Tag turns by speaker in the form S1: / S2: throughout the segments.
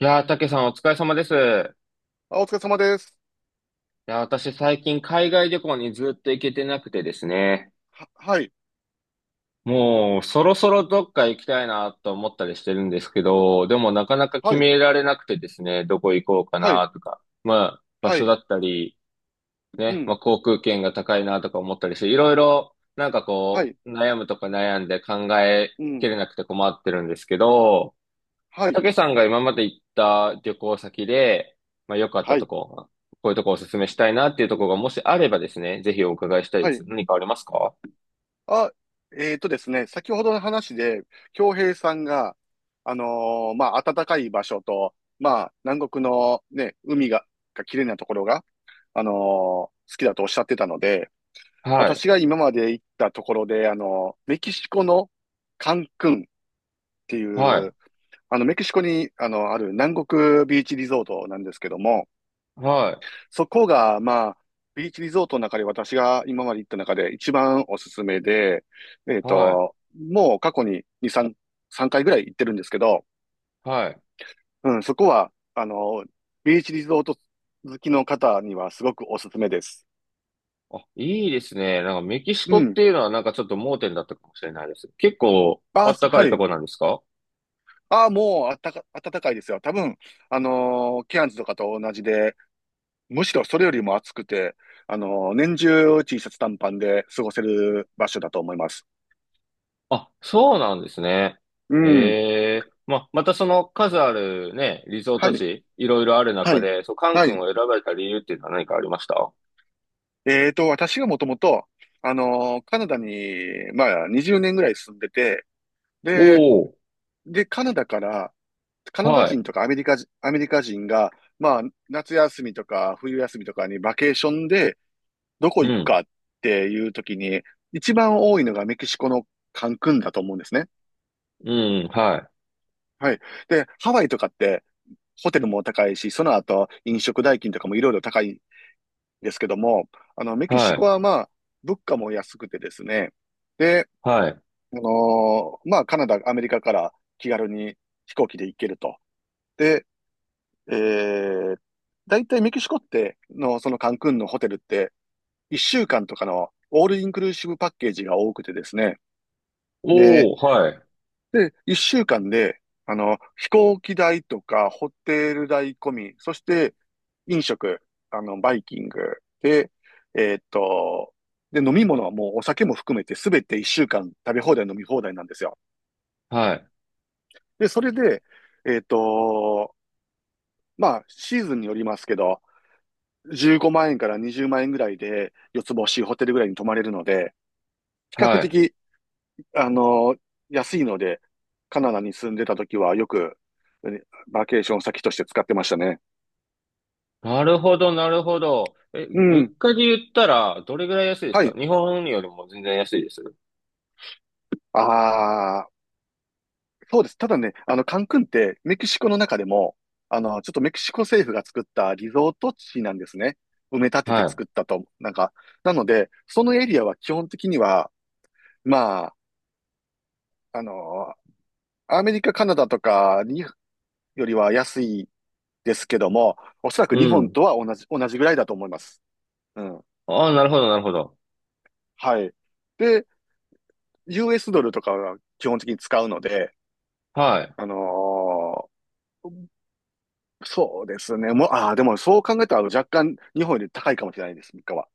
S1: いやー、たけさんお疲れ様です。い
S2: あ、お疲れ様です。
S1: やー、私最近海外旅行にずっと行けてなくてですね。
S2: ははい、
S1: もうそろそろどっか行きたいなと思ったりしてるんですけど、でもなかなか決
S2: はい、
S1: められなくてですね、どこ行こうか
S2: はい、
S1: なとか、まあ場
S2: は
S1: 所だ
S2: い、
S1: ったり、
S2: う
S1: ね、ま
S2: ん、
S1: あ航空券が高いなとか思ったりして、いろいろなんか
S2: は
S1: こ
S2: い、
S1: う悩むとか悩んで考え
S2: う
S1: き
S2: ん、
S1: れなくて困ってるんですけど、
S2: はい、
S1: たけさんが今まで行った旅行先で、まあ、良かった
S2: は
S1: と
S2: い、
S1: こ、こういうとこおすすめしたいなっていうところがもしあればですね、ぜひお伺いしたい
S2: は
S1: です。
S2: い。
S1: 何かありますか？
S2: あ、ですね、先ほどの話で、京平さんが、まあ、暖かい場所と、まあ、南国のね、海が綺麗なところが、あの好きだとおっしゃってたので、
S1: はい、
S2: 私が今まで行ったところで、メキシコのカンクンってい
S1: は
S2: う、
S1: い、
S2: メキシコに、ある南国ビーチリゾートなんですけども、
S1: はい、
S2: そこが、まあ、ビーチリゾートの中で私が今まで行った中で一番おすすめで、
S1: は
S2: もう過去に2、3、3回ぐらい行ってるんですけど、
S1: い、はい。
S2: うん、そこは、ビーチリゾート好きの方にはすごくおすすめです。
S1: あ、いいですね。なんかメキシ
S2: う
S1: コっ
S2: ん。
S1: ていうのはなんかちょっと盲点だったかもしれないです。結構あ
S2: バー
S1: っ
S2: ス、
S1: たか
S2: は
S1: いと
S2: い。
S1: こなんですか？
S2: ああ、もうあったか、暖かいですよ。多分、ケアンズとかと同じで、むしろそれよりも暑くて、年中 T シャツ短パンで過ごせる場所だと思います。
S1: あ、そうなんですね。
S2: うん。
S1: ええ、まあ、またその数あるね、リゾー
S2: は
S1: ト
S2: い。
S1: 地、いろいろある
S2: は
S1: 中
S2: い。
S1: で、そう、カン
S2: は
S1: 君
S2: い。
S1: を選ばれた理由っていうのは何かありましたお？
S2: 私がもともと、カナダに、まあ、20年ぐらい住んでて、で、
S1: おー。
S2: カナダから、カナダ
S1: はい。
S2: 人とかアメリカ人が、まあ、夏休みとか冬休みとかにバケーションでどこ
S1: う
S2: 行く
S1: ん。
S2: かっていう時に、一番多いのがメキシコのカンクンだと思うんですね。
S1: うん。は
S2: はい。で、ハワイとかってホテルも高いし、その後飲食代金とかもいろいろ高いですけども、メ
S1: い。
S2: キシ
S1: は
S2: コ
S1: い。
S2: はまあ、物価も安くてですね、で、
S1: はい。
S2: まあ、カナダ、アメリカから気軽に飛行機で行けると。で、えー、大体メキシコっての、そのカンクンのホテルって、1週間とかのオールインクルーシブパッケージが多くてですね、で、
S1: おお、はい。
S2: 一週間で、飛行機代とか、ホテル代込み、そして、飲食、バイキングで、えーっと、で、飲み物はもうお酒も含めて、すべて一週間食べ放題、飲み放題なんですよ。
S1: はい。
S2: で、それで、えーっと、まあ、シーズンによりますけど、15万円から20万円ぐらいで、四つ星ホテルぐらいに泊まれるので、比較
S1: はい。
S2: 的あの、安いので、カナダに住んでた時はよく、うんバケーション先として使ってましたね。
S1: なるほど、なるほど。え、
S2: う
S1: 物
S2: ん。
S1: 価で言ったら、どれぐらい安いです
S2: は
S1: か？
S2: い。
S1: 日本よりも全然安いです
S2: ああ、そうです。ただね、カンクンってメキシコの中でも、ちょっとメキシコ政府が作ったリゾート地なんですね。埋め立てて
S1: は
S2: 作ったと、なんか。なので、そのエリアは基本的には、まあ、あの、アメリカ、カナダとかによりは安いですけども、おそら
S1: い。
S2: く
S1: う
S2: 日本
S1: ん。
S2: とは同じぐらいだと思います。うん。
S1: ああ、なるほど、なるほど。
S2: はい。で、US ドルとかは基本的に使うので、
S1: は
S2: あのーそうですね。もう、ああ、でもそう考えたら若干日本より高いかもしれないです、3かは。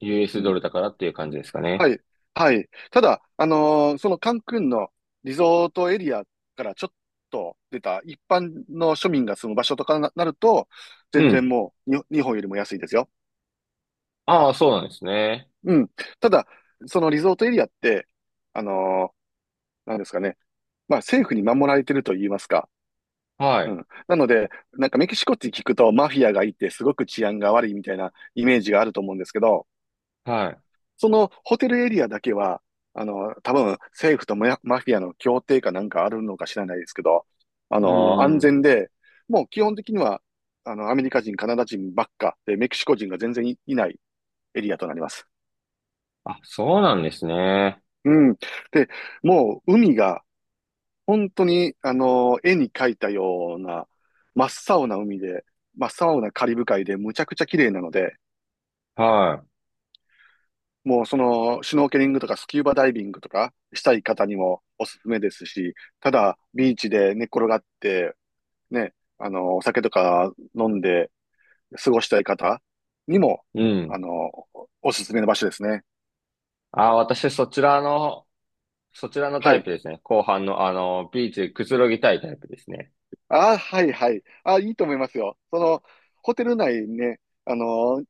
S1: い。
S2: う
S1: US ド
S2: ん。
S1: ルだからっていう感じですかね？
S2: はい。はい。ただ、そのカンクンのリゾートエリアからちょっと出た一般の庶民が住む場所とかなると、
S1: う
S2: 全然
S1: ん。
S2: もうに日本よりも安いですよ。
S1: ああ、そうなんですね。
S2: うん。ただ、そのリゾートエリアって、あのーなんですかね。まあ政府に守られてると言いますか、
S1: は
S2: う
S1: い。
S2: ん。なので、なんかメキシコって聞くとマフィアがいてすごく治安が悪いみたいなイメージがあると思うんですけど、
S1: はい。
S2: そのホテルエリアだけは、多分政府とママフィアの協定かなんかあるのか知らないですけど、
S1: う
S2: 安
S1: ん。
S2: 全で、もう基本的には、アメリカ人、カナダ人ばっかで、メキシコ人が全然いないエリアとなります。
S1: あ、そうなんですね。
S2: うん。で、もう海が本当に、絵に描いたような、真っ青な海で、真っ青なカリブ海でむちゃくちゃ綺麗なので、
S1: は
S2: もうその、シュノーケリングとかスキューバダイビングとかしたい方にもおすすめですし、ただ、ビーチで寝っ転がって、ね、お酒とか飲んで過ごしたい方にも、
S1: い。う
S2: あ
S1: ん。
S2: の、おすすめの場所ですね。
S1: ああ、私そちらの
S2: は
S1: タイ
S2: い。
S1: プですね。後半の、あの、ビーチでくつろぎたいタイプですね。
S2: あ、はい、はい。あ、いいと思いますよ。その、ホテル内ね、あの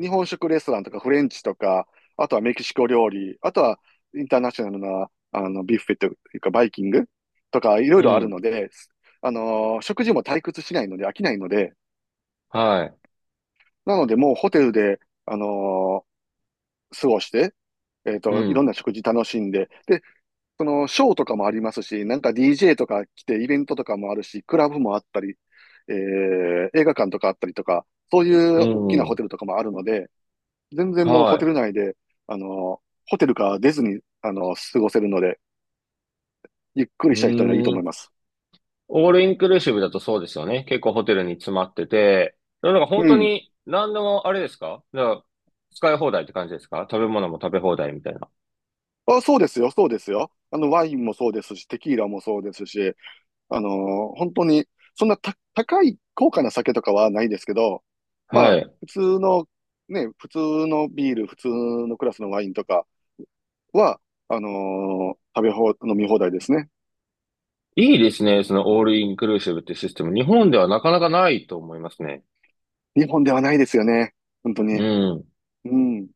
S2: 日本食レストランとかフレンチとか、あとはメキシコ料理、あとはインターナショナルな、ビュッフェというかバイキングとかいろい
S1: う
S2: ろある
S1: ん。
S2: ので、食事も退屈しないので飽きないので、
S1: はい。
S2: なのでもうホテルで、あの過ごして、
S1: う
S2: いろん
S1: ん。
S2: な食事楽しんで、で、その、ショーとかもありますし、なんか DJ とか来てイベントとかもあるし、クラブもあったり、映画館とかあったりとか、そうい
S1: う
S2: う大きなホ
S1: ん。
S2: テルとかもあるので、全然もうホテ
S1: は
S2: ル内で、ホテルから出ずに、過ごせるので、ゆっく
S1: い。う
S2: りした人にはいいと
S1: ー
S2: 思い
S1: ん。
S2: ます。
S1: オールインクルーシブだとそうですよね。結構ホテルに詰まってて。なんか
S2: う
S1: 本当
S2: ん。
S1: に、何でもあれですか？だから使い放題って感じですか？食べ物も食べ放題みたいな。
S2: あ、そうですよ、そうですよ。ワインもそうですし、テキーラもそうですし、本当に、そんなた高い高価な酒とかはないですけど、ま
S1: は
S2: あ、
S1: い。
S2: 普通の、ね、普通のビール、普通のクラスのワインとかは、あの食べ放、飲み放題ですね。
S1: いいですね、そのオールインクルーシブってシステム。日本ではなかなかないと思いますね。
S2: 日本ではないですよね。本当
S1: う
S2: に。
S1: ん。
S2: うん。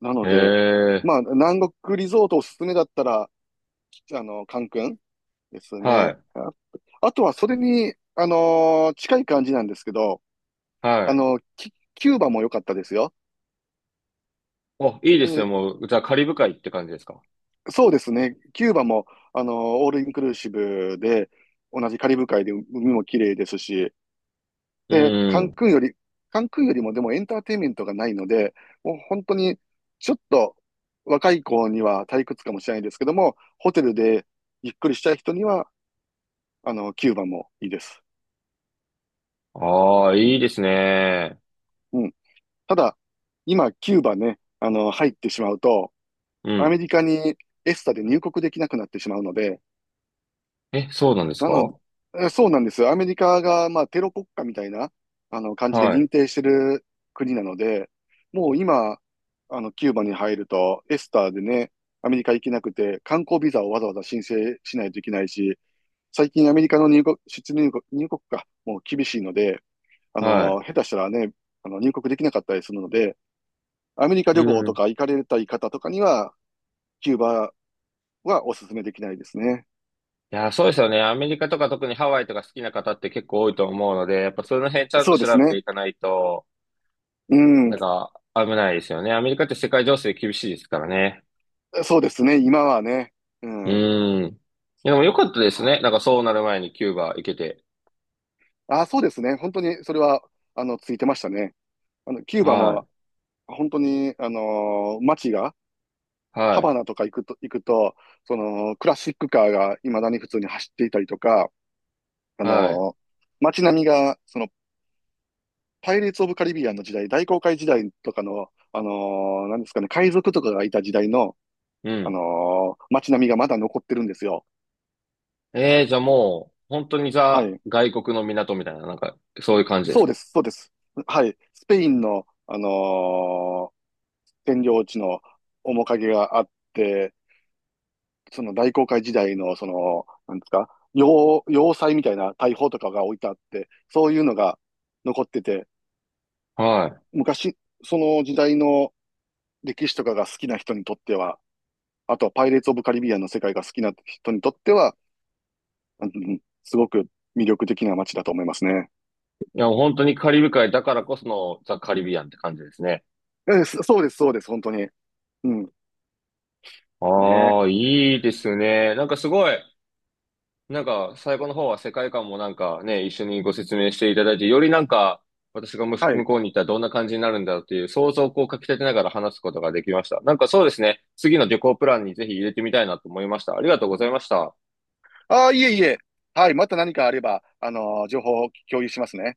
S2: なの
S1: へ
S2: で、
S1: え。
S2: まあ、南国リゾートおすすめだったら、カンクンです
S1: は
S2: ね。
S1: い。
S2: ああとは、それに、近い感じなんですけど、
S1: はい。
S2: キューバも良かったですよ。
S1: お、いいですね。
S2: で
S1: もう、じゃあカリブ海って感じですか？
S2: そうですね。キューバも、あのーオールインクルーシブで、同じカリブ海で海も綺麗ですし、
S1: う
S2: で、
S1: ん。
S2: カンクンよりもでもエンターテインメントがないので、もう本当に、ちょっと若い子には退屈かもしれないですけども、ホテルでゆっくりしたい人には、キューバもいいです。
S1: ああ、
S2: う
S1: いい
S2: ん。
S1: ですね。
S2: うん。ただ、今、キューバね、入ってしまうと、
S1: う
S2: アメ
S1: ん。
S2: リカにエスタで入国できなくなってしまうので、
S1: え、そうなんです
S2: な
S1: か？
S2: のでそうなんです。アメリカが、まあ、テロ国家みたいな、感じで
S1: はい。
S2: 認定してる国なので、もう今、キューバに入ると、エスタでね、アメリカ行けなくて、観光ビザをわざわざ申請しないといけないし、最近アメリカの入国、出入国、入国がもう厳しいので、
S1: は
S2: 下手したらね、入国できなかったりするので、アメリカ
S1: い。う
S2: 旅行と
S1: ん。
S2: か行かれたい方とかには、キューバはお勧めできないですね。
S1: いや、そうですよね。アメリカとか特にハワイとか好きな方って結構多いと思うので、やっぱその辺ちゃん
S2: そ
S1: と
S2: うで
S1: 調
S2: す
S1: べて
S2: ね。
S1: いかないと、
S2: うん。
S1: なんか危ないですよね。アメリカって世界情勢厳しいですからね。
S2: そうですね。今はね。う
S1: う
S2: ん。
S1: ん。でも良かったです
S2: は
S1: ね、
S2: い。
S1: なんかそうなる前にキューバ行けて。
S2: あ、そうですね。本当にそれは、ついてましたね。キューバ
S1: は
S2: も
S1: い。
S2: 本当に、街が、ハバ
S1: は
S2: ナとか行くと、その、クラシックカーが未だに普通に走っていたりとか、あ
S1: い。はい。
S2: のー街並みが、その、パイレーツ・オブ・カリビアンの時代、大航海時代とかの、なんですかね、海賊とかがいた時代の、
S1: うん。
S2: 街並みがまだ残ってるんですよ。
S1: えー、じゃあもう、本当に
S2: は
S1: ザ、
S2: い。
S1: 外国の港みたいな、なんか、そういう感じです
S2: そう
S1: か？
S2: です、そうです。はい。スペインの、占領地の面影があって、その大航海時代の、その、なんですか、要塞みたいな大砲とかが置いてあって、そういうのが残ってて、
S1: はい。
S2: 昔、その時代の歴史とかが好きな人にとっては、あとはパイレーツ・オブ・カリビアンの世界が好きな人にとっては、うんすごく魅力的な街だと思いますね。
S1: いや、本当にカリブ海だからこそのザ・カリビアンって感じですね。
S2: そうです、そうです、本当に。うん、ね。
S1: ああ、いいですね。なんかすごい、なんか最後の方は世界観もなんかね、一緒にご説明していただいて、よりなんか私がむ
S2: は
S1: 向
S2: い。
S1: こうに行ったらどんな感じになるんだろうっていう想像をこうかき立てながら話すことができました。なんかそうですね、次の旅行プランにぜひ入れてみたいなと思いました。ありがとうございました。
S2: ああ、いえいえ。はい、また何かあれば、情報を共有しますね。